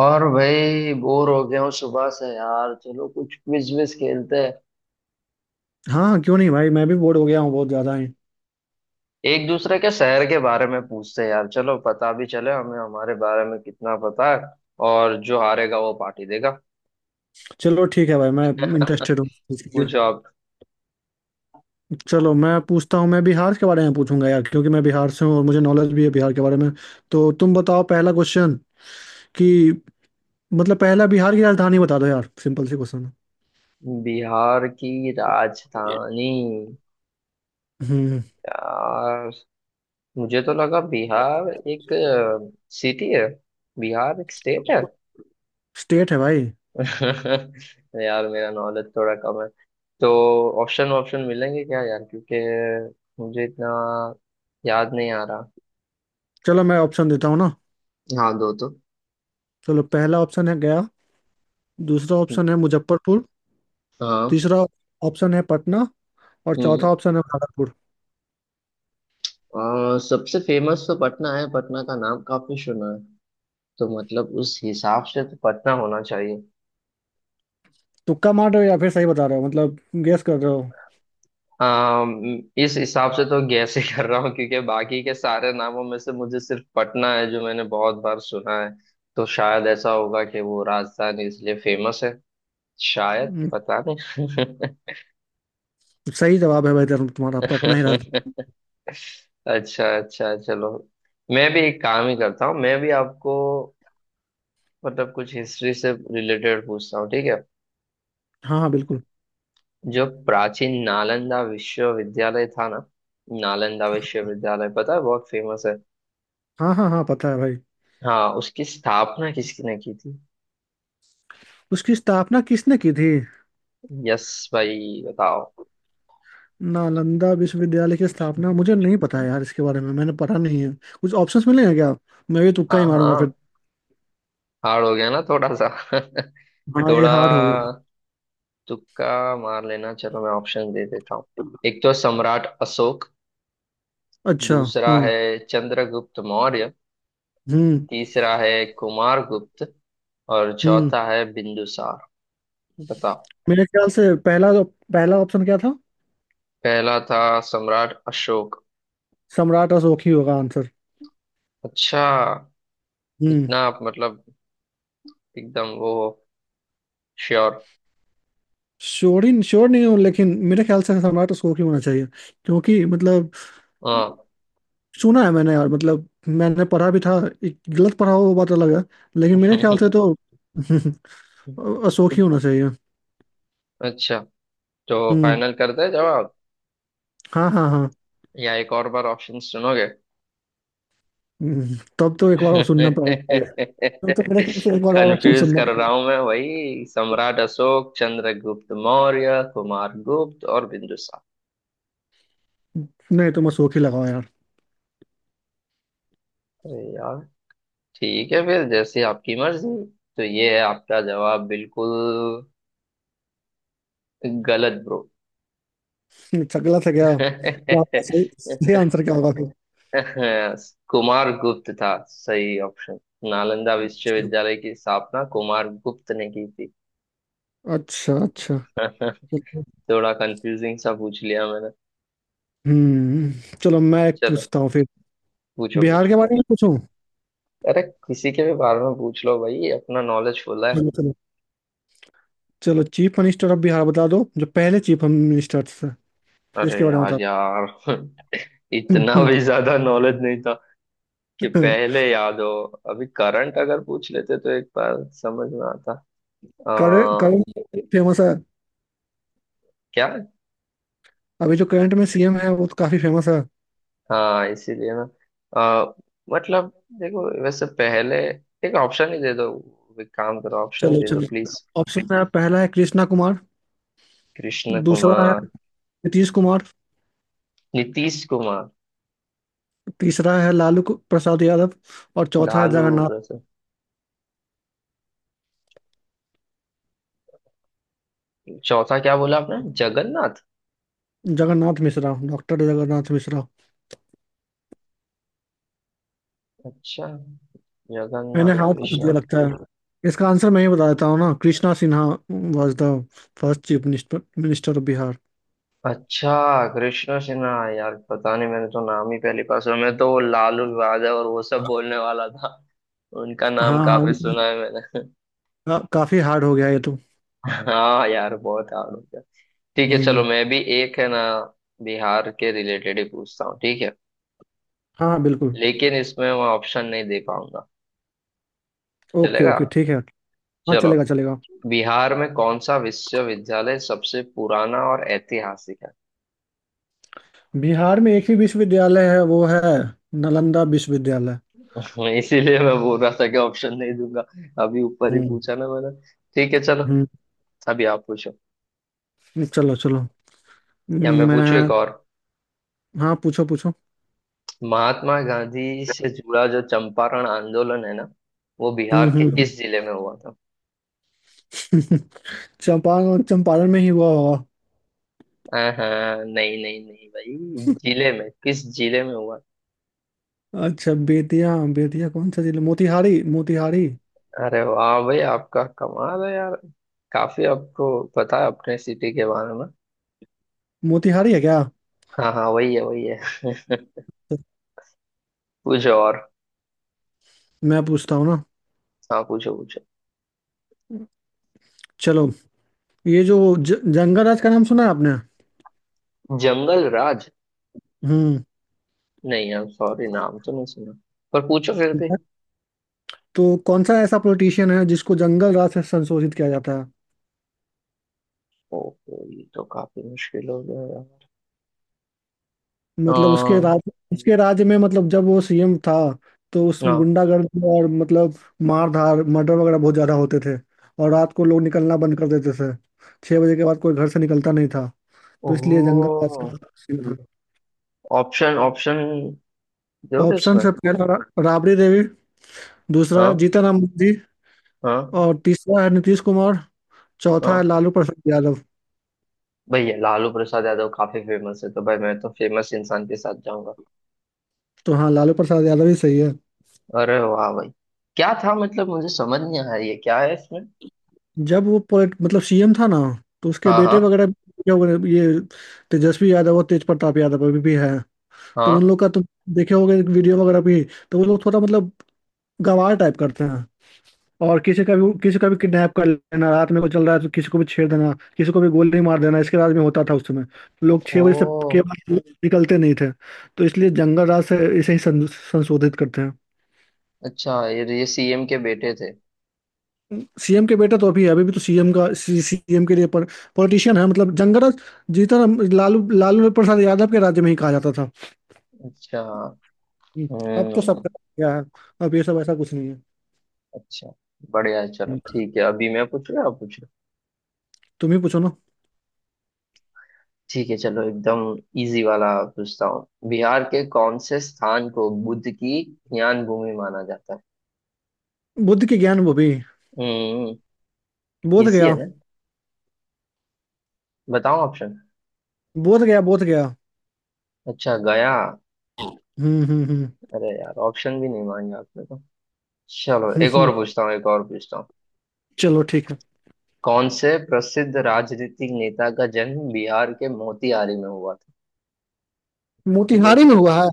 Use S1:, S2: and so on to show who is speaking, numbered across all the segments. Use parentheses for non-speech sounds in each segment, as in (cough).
S1: और भाई बोर हो गया हूँ सुबह से यार। चलो कुछ क्विज विज खेलते हैं।
S2: हाँ हाँ, क्यों नहीं भाई। मैं भी बोर हो गया हूँ बहुत ज्यादा ही।
S1: एक दूसरे के शहर के बारे में पूछते हैं यार। चलो पता भी चले हमें हमारे बारे में कितना पता है। और जो हारेगा वो पार्टी देगा।
S2: चलो ठीक है भाई, मैं
S1: (laughs)
S2: इंटरेस्टेड हूँ इसके लिए।
S1: पूछो आप।
S2: चलो मैं पूछता हूँ। मैं बिहार के बारे में पूछूंगा यार, क्योंकि मैं बिहार से हूँ और मुझे नॉलेज भी है बिहार के बारे में। तो तुम बताओ पहला क्वेश्चन। कि मतलब पहला, बिहार की राजधानी बता दो यार, सिंपल सी क्वेश्चन है।
S1: बिहार की राजधानी।
S2: हम्म।
S1: यार मुझे तो लगा बिहार एक सिटी है। बिहार एक स्टेट है।
S2: स्टेट है भाई।
S1: (laughs) यार मेरा नॉलेज थोड़ा कम है। तो ऑप्शन ऑप्शन मिलेंगे क्या यार, क्योंकि मुझे इतना याद नहीं आ रहा।
S2: चलो मैं ऑप्शन देता हूँ ना।
S1: हाँ दो तो।
S2: चलो, पहला ऑप्शन है गया। दूसरा ऑप्शन है मुजफ्फरपुर।
S1: हाँ।
S2: तीसरा ऑप्शन है पटना। और
S1: हम्म,
S2: चौथा ऑप्शन है भागलपुर।
S1: सबसे फेमस तो पटना है, पटना का नाम काफी सुना है। तो मतलब उस हिसाब से तो पटना होना चाहिए।
S2: तुक्का मार रहे हो या फिर सही बता रहे हो? मतलब गेस कर रहे हो?
S1: इस हिसाब से तो गैस ही कर रहा हूँ, क्योंकि बाकी के सारे नामों में से मुझे सिर्फ पटना है जो मैंने बहुत बार सुना है। तो शायद ऐसा होगा कि वो राजधानी इसलिए फेमस है। शायद पता नहीं।
S2: सही जवाब है भाई, धर्म तुम्हारा। पटना ही राजधानी।
S1: (laughs) अच्छा अच्छा, चलो। मैं भी एक काम ही करता हूँ, मैं भी आपको मतलब कुछ हिस्ट्री से रिलेटेड पूछता हूँ, ठीक है।
S2: हाँ हाँ, बिल्कुल।
S1: जो प्राचीन नालंदा विश्वविद्यालय था ना, नालंदा विश्वविद्यालय पता है, बहुत फेमस है।
S2: हाँ हाँ हाँ, पता है भाई।
S1: हाँ उसकी स्थापना किसने की थी।
S2: उसकी स्थापना किसने की थी?
S1: यस, भाई बताओ।
S2: नालंदा विश्वविद्यालय की स्थापना मुझे नहीं पता है यार, इसके बारे में मैंने पढ़ा नहीं है। कुछ ऑप्शंस मिलेंगे क्या? मैं भी तुक्का ही
S1: हाँ
S2: मारूंगा फिर।
S1: हाँ, हार्ड हो गया ना थोड़ा सा। (laughs)
S2: हाँ, ये
S1: थोड़ा
S2: हार्ड हो गया।
S1: तुक्का मार लेना। चलो मैं ऑप्शन दे देता हूँ। एक तो सम्राट अशोक।
S2: अच्छा।
S1: दूसरा
S2: हाँ।
S1: है चंद्रगुप्त मौर्य।
S2: हम्म।
S1: तीसरा है कुमार गुप्त। और
S2: हम्म।
S1: चौथा है बिंदुसार। बताओ।
S2: मेरे ख्याल से पहला पहला ऑप्शन क्या था?
S1: पहला था सम्राट अशोक।
S2: सम्राट अशोक ही होगा आंसर।
S1: अच्छा,
S2: हम्म।
S1: इतना आप मतलब एकदम वो श्योर।
S2: श्योर ही श्योर नहीं हूँ, लेकिन मेरे ख्याल से सम्राट अशोक ही होना चाहिए, क्योंकि मतलब
S1: हाँ।
S2: सुना है मैंने यार, मतलब मैंने पढ़ा भी था। एक गलत पढ़ा हो वो बात अलग है, लेकिन मेरे ख्याल से
S1: (laughs)
S2: तो (laughs) अशोक ही होना चाहिए।
S1: अच्छा, तो
S2: हम्म।
S1: फाइनल करते हैं जवाब,
S2: हाँ हाँ हाँ।
S1: या एक और बार ऑप्शन सुनोगे।
S2: तब तो एक बार और सुनना पड़ेगा यार। तब तो मेरे ख्याल से एक बार और सुन
S1: कंफ्यूज
S2: सुनना
S1: कर रहा
S2: पड़ेगा।
S1: हूं मैं, वही सम्राट अशोक, चंद्रगुप्त मौर्य, कुमार गुप्त और बिंदुसार।
S2: नहीं, तुम अशोक ही लगाओ यार।
S1: अरे यार। ठीक है फिर, जैसी आपकी मर्जी। तो ये है आपका जवाब, बिल्कुल गलत ब्रो।
S2: अच्छा, गलत है क्या? क्या सही सही आंसर
S1: (laughs)
S2: क्या होगा फिर?
S1: कुमार गुप्त था सही ऑप्शन। नालंदा विश्वविद्यालय की स्थापना कुमार गुप्त ने की थी।
S2: अच्छा अच्छा।
S1: (laughs) थोड़ा कंफ्यूजिंग सा पूछ लिया मैंने।
S2: हम्म। चलो मैं एक
S1: चलो,
S2: पूछता हूँ फिर।
S1: पूछो पूछो।
S2: बिहार के बारे में पूछूं?
S1: अरे किसी के भी बारे में पूछ लो भाई, अपना नॉलेज फुल है।
S2: चलो चलो, चीफ मिनिस्टर ऑफ बिहार बता दो, जो पहले चीफ मिनिस्टर थे।
S1: अरे
S2: इसके बारे में
S1: यार
S2: बता।
S1: यार। (laughs) इतना भी ज्यादा नॉलेज नहीं था कि पहले याद हो। अभी करंट अगर पूछ लेते तो एक बार समझ में आता।
S2: करंट
S1: आ,
S2: करंट फेमस है?
S1: क्या?
S2: अभी जो करंट में सीएम है वो तो काफी फेमस है।
S1: हाँ इसीलिए ना। अ, मतलब देखो वैसे पहले एक ऑप्शन ही दे दो। एक काम करो, ऑप्शन
S2: चलो
S1: दे दो
S2: चलो।
S1: प्लीज।
S2: ऑप्शन में पहला है कृष्णा कुमार।
S1: कृष्ण
S2: दूसरा है
S1: कुमार।
S2: नीतीश कुमार।
S1: नीतीश कुमार।
S2: तीसरा है लालू प्रसाद यादव। और चौथा है
S1: लालू
S2: जगन्नाथ।
S1: प्रसाद। चौथा क्या बोला आपने, जगन्नाथ?
S2: जगन्नाथ मिश्रा, डॉक्टर जगन्नाथ मिश्रा।
S1: अच्छा,
S2: मैंने
S1: जगन्नाथ
S2: हाथ पूछ
S1: कृष्णा।
S2: दिया लगता है। इसका आंसर मैं ही बता देता हूँ ना। Krishna Sinha was the first chief minister minister of Bihar.
S1: अच्छा कृष्ण सिन्हा। यार पता नहीं, मैंने तो नाम ही पहली बार सुना। मैं तो वो लालू यादव और वो सब बोलने वाला था। उनका नाम
S2: हाँ हाँ।
S1: काफी सुना है मैंने।
S2: काफी हार्ड हो गया ये तो।
S1: (laughs) हाँ यार, बहुत हार्ड हो गया। ठीक है चलो,
S2: हम्म।
S1: मैं भी एक है ना, बिहार के रिलेटेड ही पूछता हूँ, ठीक है।
S2: हाँ हाँ बिल्कुल।
S1: लेकिन इसमें मैं ऑप्शन नहीं दे पाऊंगा,
S2: ओके
S1: चलेगा?
S2: ओके, ठीक है। हाँ,
S1: चलो।
S2: चलेगा चलेगा।
S1: बिहार में कौन सा विश्वविद्यालय सबसे पुराना और ऐतिहासिक है।
S2: बिहार में एक ही विश्वविद्यालय है, वो है नालंदा विश्वविद्यालय।
S1: मैं इसीलिए मैं बोल रहा था कि ऑप्शन नहीं दूंगा। अभी ऊपर ही
S2: हम्म।
S1: पूछा ना मैंने। ठीक है चलो।
S2: हम्म।
S1: अभी आप पूछो,
S2: चलो चलो।
S1: या मैं
S2: मैं।
S1: पूछूं एक और।
S2: हाँ, पूछो पूछो।
S1: महात्मा गांधी से जुड़ा जो चंपारण आंदोलन है ना, वो
S2: हम्म।
S1: बिहार के
S2: हम्म।
S1: किस जिले में हुआ था।
S2: (laughs) चंपारण, चंपारण में ही हुआ होगा।
S1: हाँ, नहीं नहीं नहीं भाई, जिले में, किस जिले में हुआ।
S2: अच्छा, बेतिया बेतिया कौन सा जिला। मोतिहारी, मोतिहारी।
S1: अरे वाह भाई, आपका कमाल है यार। काफी आपको पता है अपने सिटी के बारे में।
S2: मोतिहारी है क्या?
S1: हाँ हाँ, वही है वही है। पूछो और।
S2: मैं पूछता हूँ ना।
S1: हाँ पूछो पूछो।
S2: चलो। ये जो जंगल राज का नाम सुना है आपने?
S1: जंगल राज?
S2: हम्म।
S1: नहीं हम सॉरी, नाम तो नहीं सुना। पर पूछो फिर भी।
S2: तो कौन सा ऐसा पॉलिटिशियन है जिसको जंगल राज से संशोधित किया जाता है?
S1: ओहो, ये तो काफी मुश्किल हो गया यार। अ,
S2: मतलब उसके राज्य में, मतलब जब वो सीएम था, तो उस
S1: हाँ।
S2: गुंडागर्दी, और मतलब मारधार मर्डर वगैरह बहुत ज्यादा होते थे। और रात को लोग निकलना बंद कर देते थे। 6 बजे के बाद कोई घर से निकलता नहीं था। तो इसलिए दंगा का
S1: ओह।
S2: सीन था।
S1: ऑप्शन ऑप्शन दोगे
S2: ऑप्शन
S1: इसमें।
S2: है, पहला राबड़ी देवी। दूसरा
S1: हाँ।
S2: जीतन राम मांझी।
S1: हाँ
S2: और तीसरा है नीतीश कुमार। चौथा है
S1: हाँ।
S2: लालू प्रसाद यादव।
S1: भैया लालू प्रसाद यादव काफी फेमस है, तो भाई मैं तो फेमस इंसान के साथ जाऊंगा।
S2: तो हाँ, लालू प्रसाद यादव ही सही है।
S1: अरे वाह भाई। क्या था मतलब, मुझे समझ नहीं आया ये क्या है इसमें।
S2: जब वो पोलिट मतलब सीएम था ना, तो उसके
S1: हाँ हाँ
S2: बेटे वगैरह भी हो गए, ये तेजस्वी यादव और तेज प्रताप यादव, अभी भी है। तो उन
S1: हाँ।
S2: लोग का तुम देखे होगे वीडियो वगैरह भी। तो वो लोग थोड़ा मतलब गंवार टाइप करते हैं। और किसी का भी, किसी का भी किडनैप कर लेना, रात में कोई चल रहा है तो किसी को भी छेड़ देना, किसी को भी गोली मार देना, इसके राज में होता था उस समय। लोग 6 बजे से के
S1: ओ।
S2: बाद निकलते नहीं थे। तो इसलिए जंगल राज से इसे ही संशोधित करते हैं।
S1: अच्छा, ये सीएम के बेटे थे।
S2: सीएम के बेटा तो अभी है, अभी भी तो सीएम के लिए पॉलिटिशियन है मतलब। जंगल राज लालू लालू प्रसाद यादव के राज्य में ही कहा जाता था।
S1: अच्छा।
S2: हम्म, अब तो सब
S1: हम्म।
S2: क्या है। अब ये सब ऐसा कुछ नहीं है।
S1: अच्छा, बढ़िया है, चलो
S2: हम्म,
S1: ठीक है। अभी मैं पूछ रहा, आप पूछ रहे हो?
S2: तुम ही पूछो ना।
S1: ठीक है चलो। एकदम इजी वाला पूछता हूँ। बिहार के कौन से स्थान को बुद्ध की ज्ञान भूमि माना जाता है।
S2: बुद्ध की ज्ञान, वो भी
S1: हम्म।
S2: बोध
S1: इसी है
S2: गया।
S1: ना। बताओ ऑप्शन।
S2: बोध गया, बोध गया।
S1: अच्छा गया।
S2: हम्म।
S1: अरे यार, ऑप्शन भी नहीं मांगे आपने तो। चलो
S2: हम्म,
S1: एक और
S2: हम्म।
S1: पूछता हूँ, एक और पूछता हूँ।
S2: चलो ठीक है।
S1: कौन से प्रसिद्ध राजनीतिक नेता का जन्म बिहार के मोतिहारी में हुआ था। ये
S2: मोतिहारी में
S1: तो,
S2: हुआ है?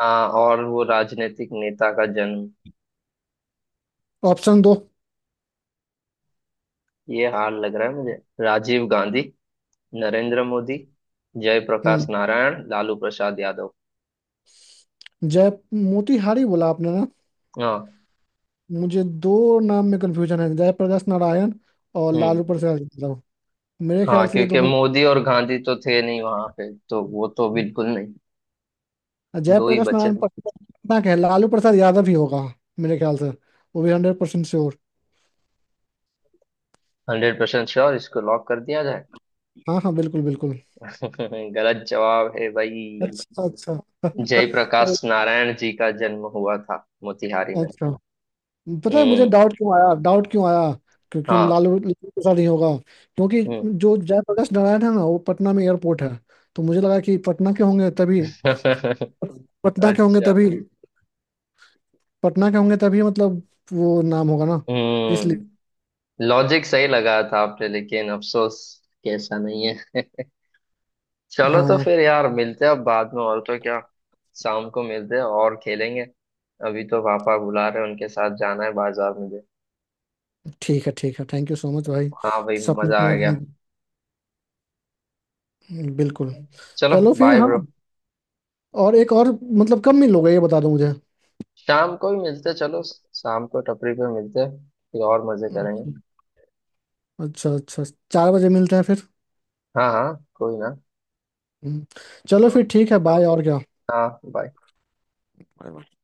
S1: हाँ, और वो राजनीतिक नेता का जन्म।
S2: ऑप्शन दो।
S1: ये हाल लग रहा है मुझे। राजीव गांधी, नरेंद्र मोदी,
S2: हम्म।
S1: जयप्रकाश नारायण, लालू प्रसाद यादव।
S2: जय मोतिहारी बोला आपने ना?
S1: हाँ।
S2: मुझे दो नाम में कंफ्यूजन है, जयप्रकाश नारायण और
S1: हम्म।
S2: लालू प्रसाद यादव। मेरे
S1: हाँ,
S2: ख्याल से ये
S1: क्योंकि
S2: दोनों।
S1: मोदी और गांधी तो थे नहीं वहां पे, तो वो तो बिल्कुल नहीं। दो ही
S2: जयप्रकाश
S1: बचे।
S2: नारायण पटना के हैं, लालू प्रसाद यादव ही होगा मेरे ख्याल से। वो भी 100% श्योर।
S1: हंड्रेड परसेंट श्योर, इसको लॉक कर दिया जाए।
S2: हाँ हाँ, बिल्कुल बिल्कुल।
S1: (laughs) गलत जवाब है भाई।
S2: अच्छा अच्छा। (laughs) तो-
S1: जयप्रकाश नारायण जी का जन्म हुआ था मोतिहारी में।
S2: अच्छा, पता है मुझे
S1: हम्म।
S2: डाउट क्यों आया, डाउट क्यों आया? क्योंकि
S1: हाँ।
S2: लालू लालू के साथ ही होगा, क्योंकि
S1: हम्म।
S2: जो जयप्रकाश नारायण है ना, वो पटना में एयरपोर्ट है। तो मुझे लगा कि पटना के होंगे तभी।
S1: (laughs)
S2: पटना के होंगे
S1: अच्छा।
S2: तभी। पटना के होंगे तभी, मतलब वो नाम होगा ना, इसलिए।
S1: हम्म। लॉजिक सही लगा था आपने, लेकिन अफसोस कैसा नहीं है। चलो तो
S2: हाँ।
S1: फिर यार, मिलते हैं अब बाद में, और तो क्या। शाम को मिलते हैं और खेलेंगे। अभी तो पापा बुला रहे हैं, उनके साथ जाना है बाजार मुझे।
S2: ठीक है ठीक है, थैंक यू सो मच भाई।
S1: हाँ भाई,
S2: सपने
S1: मजा आ
S2: को,
S1: गया।
S2: हम्म। बिल्कुल।
S1: चलो
S2: चलो फिर
S1: बाय
S2: हाँ।
S1: ब्रो।
S2: और एक और, मतलब कब मिलोगे ये बता दो मुझे।
S1: शाम को ही मिलते हैं, चलो शाम को टपरी पे मिलते हैं, फिर और मजे करेंगे।
S2: अच्छा अच्छा। 4 बजे मिलते हैं फिर।
S1: हाँ हाँ कोई ना।
S2: हम्म, चलो फिर, ठीक है बाय। और
S1: हाँ बाय।
S2: क्या?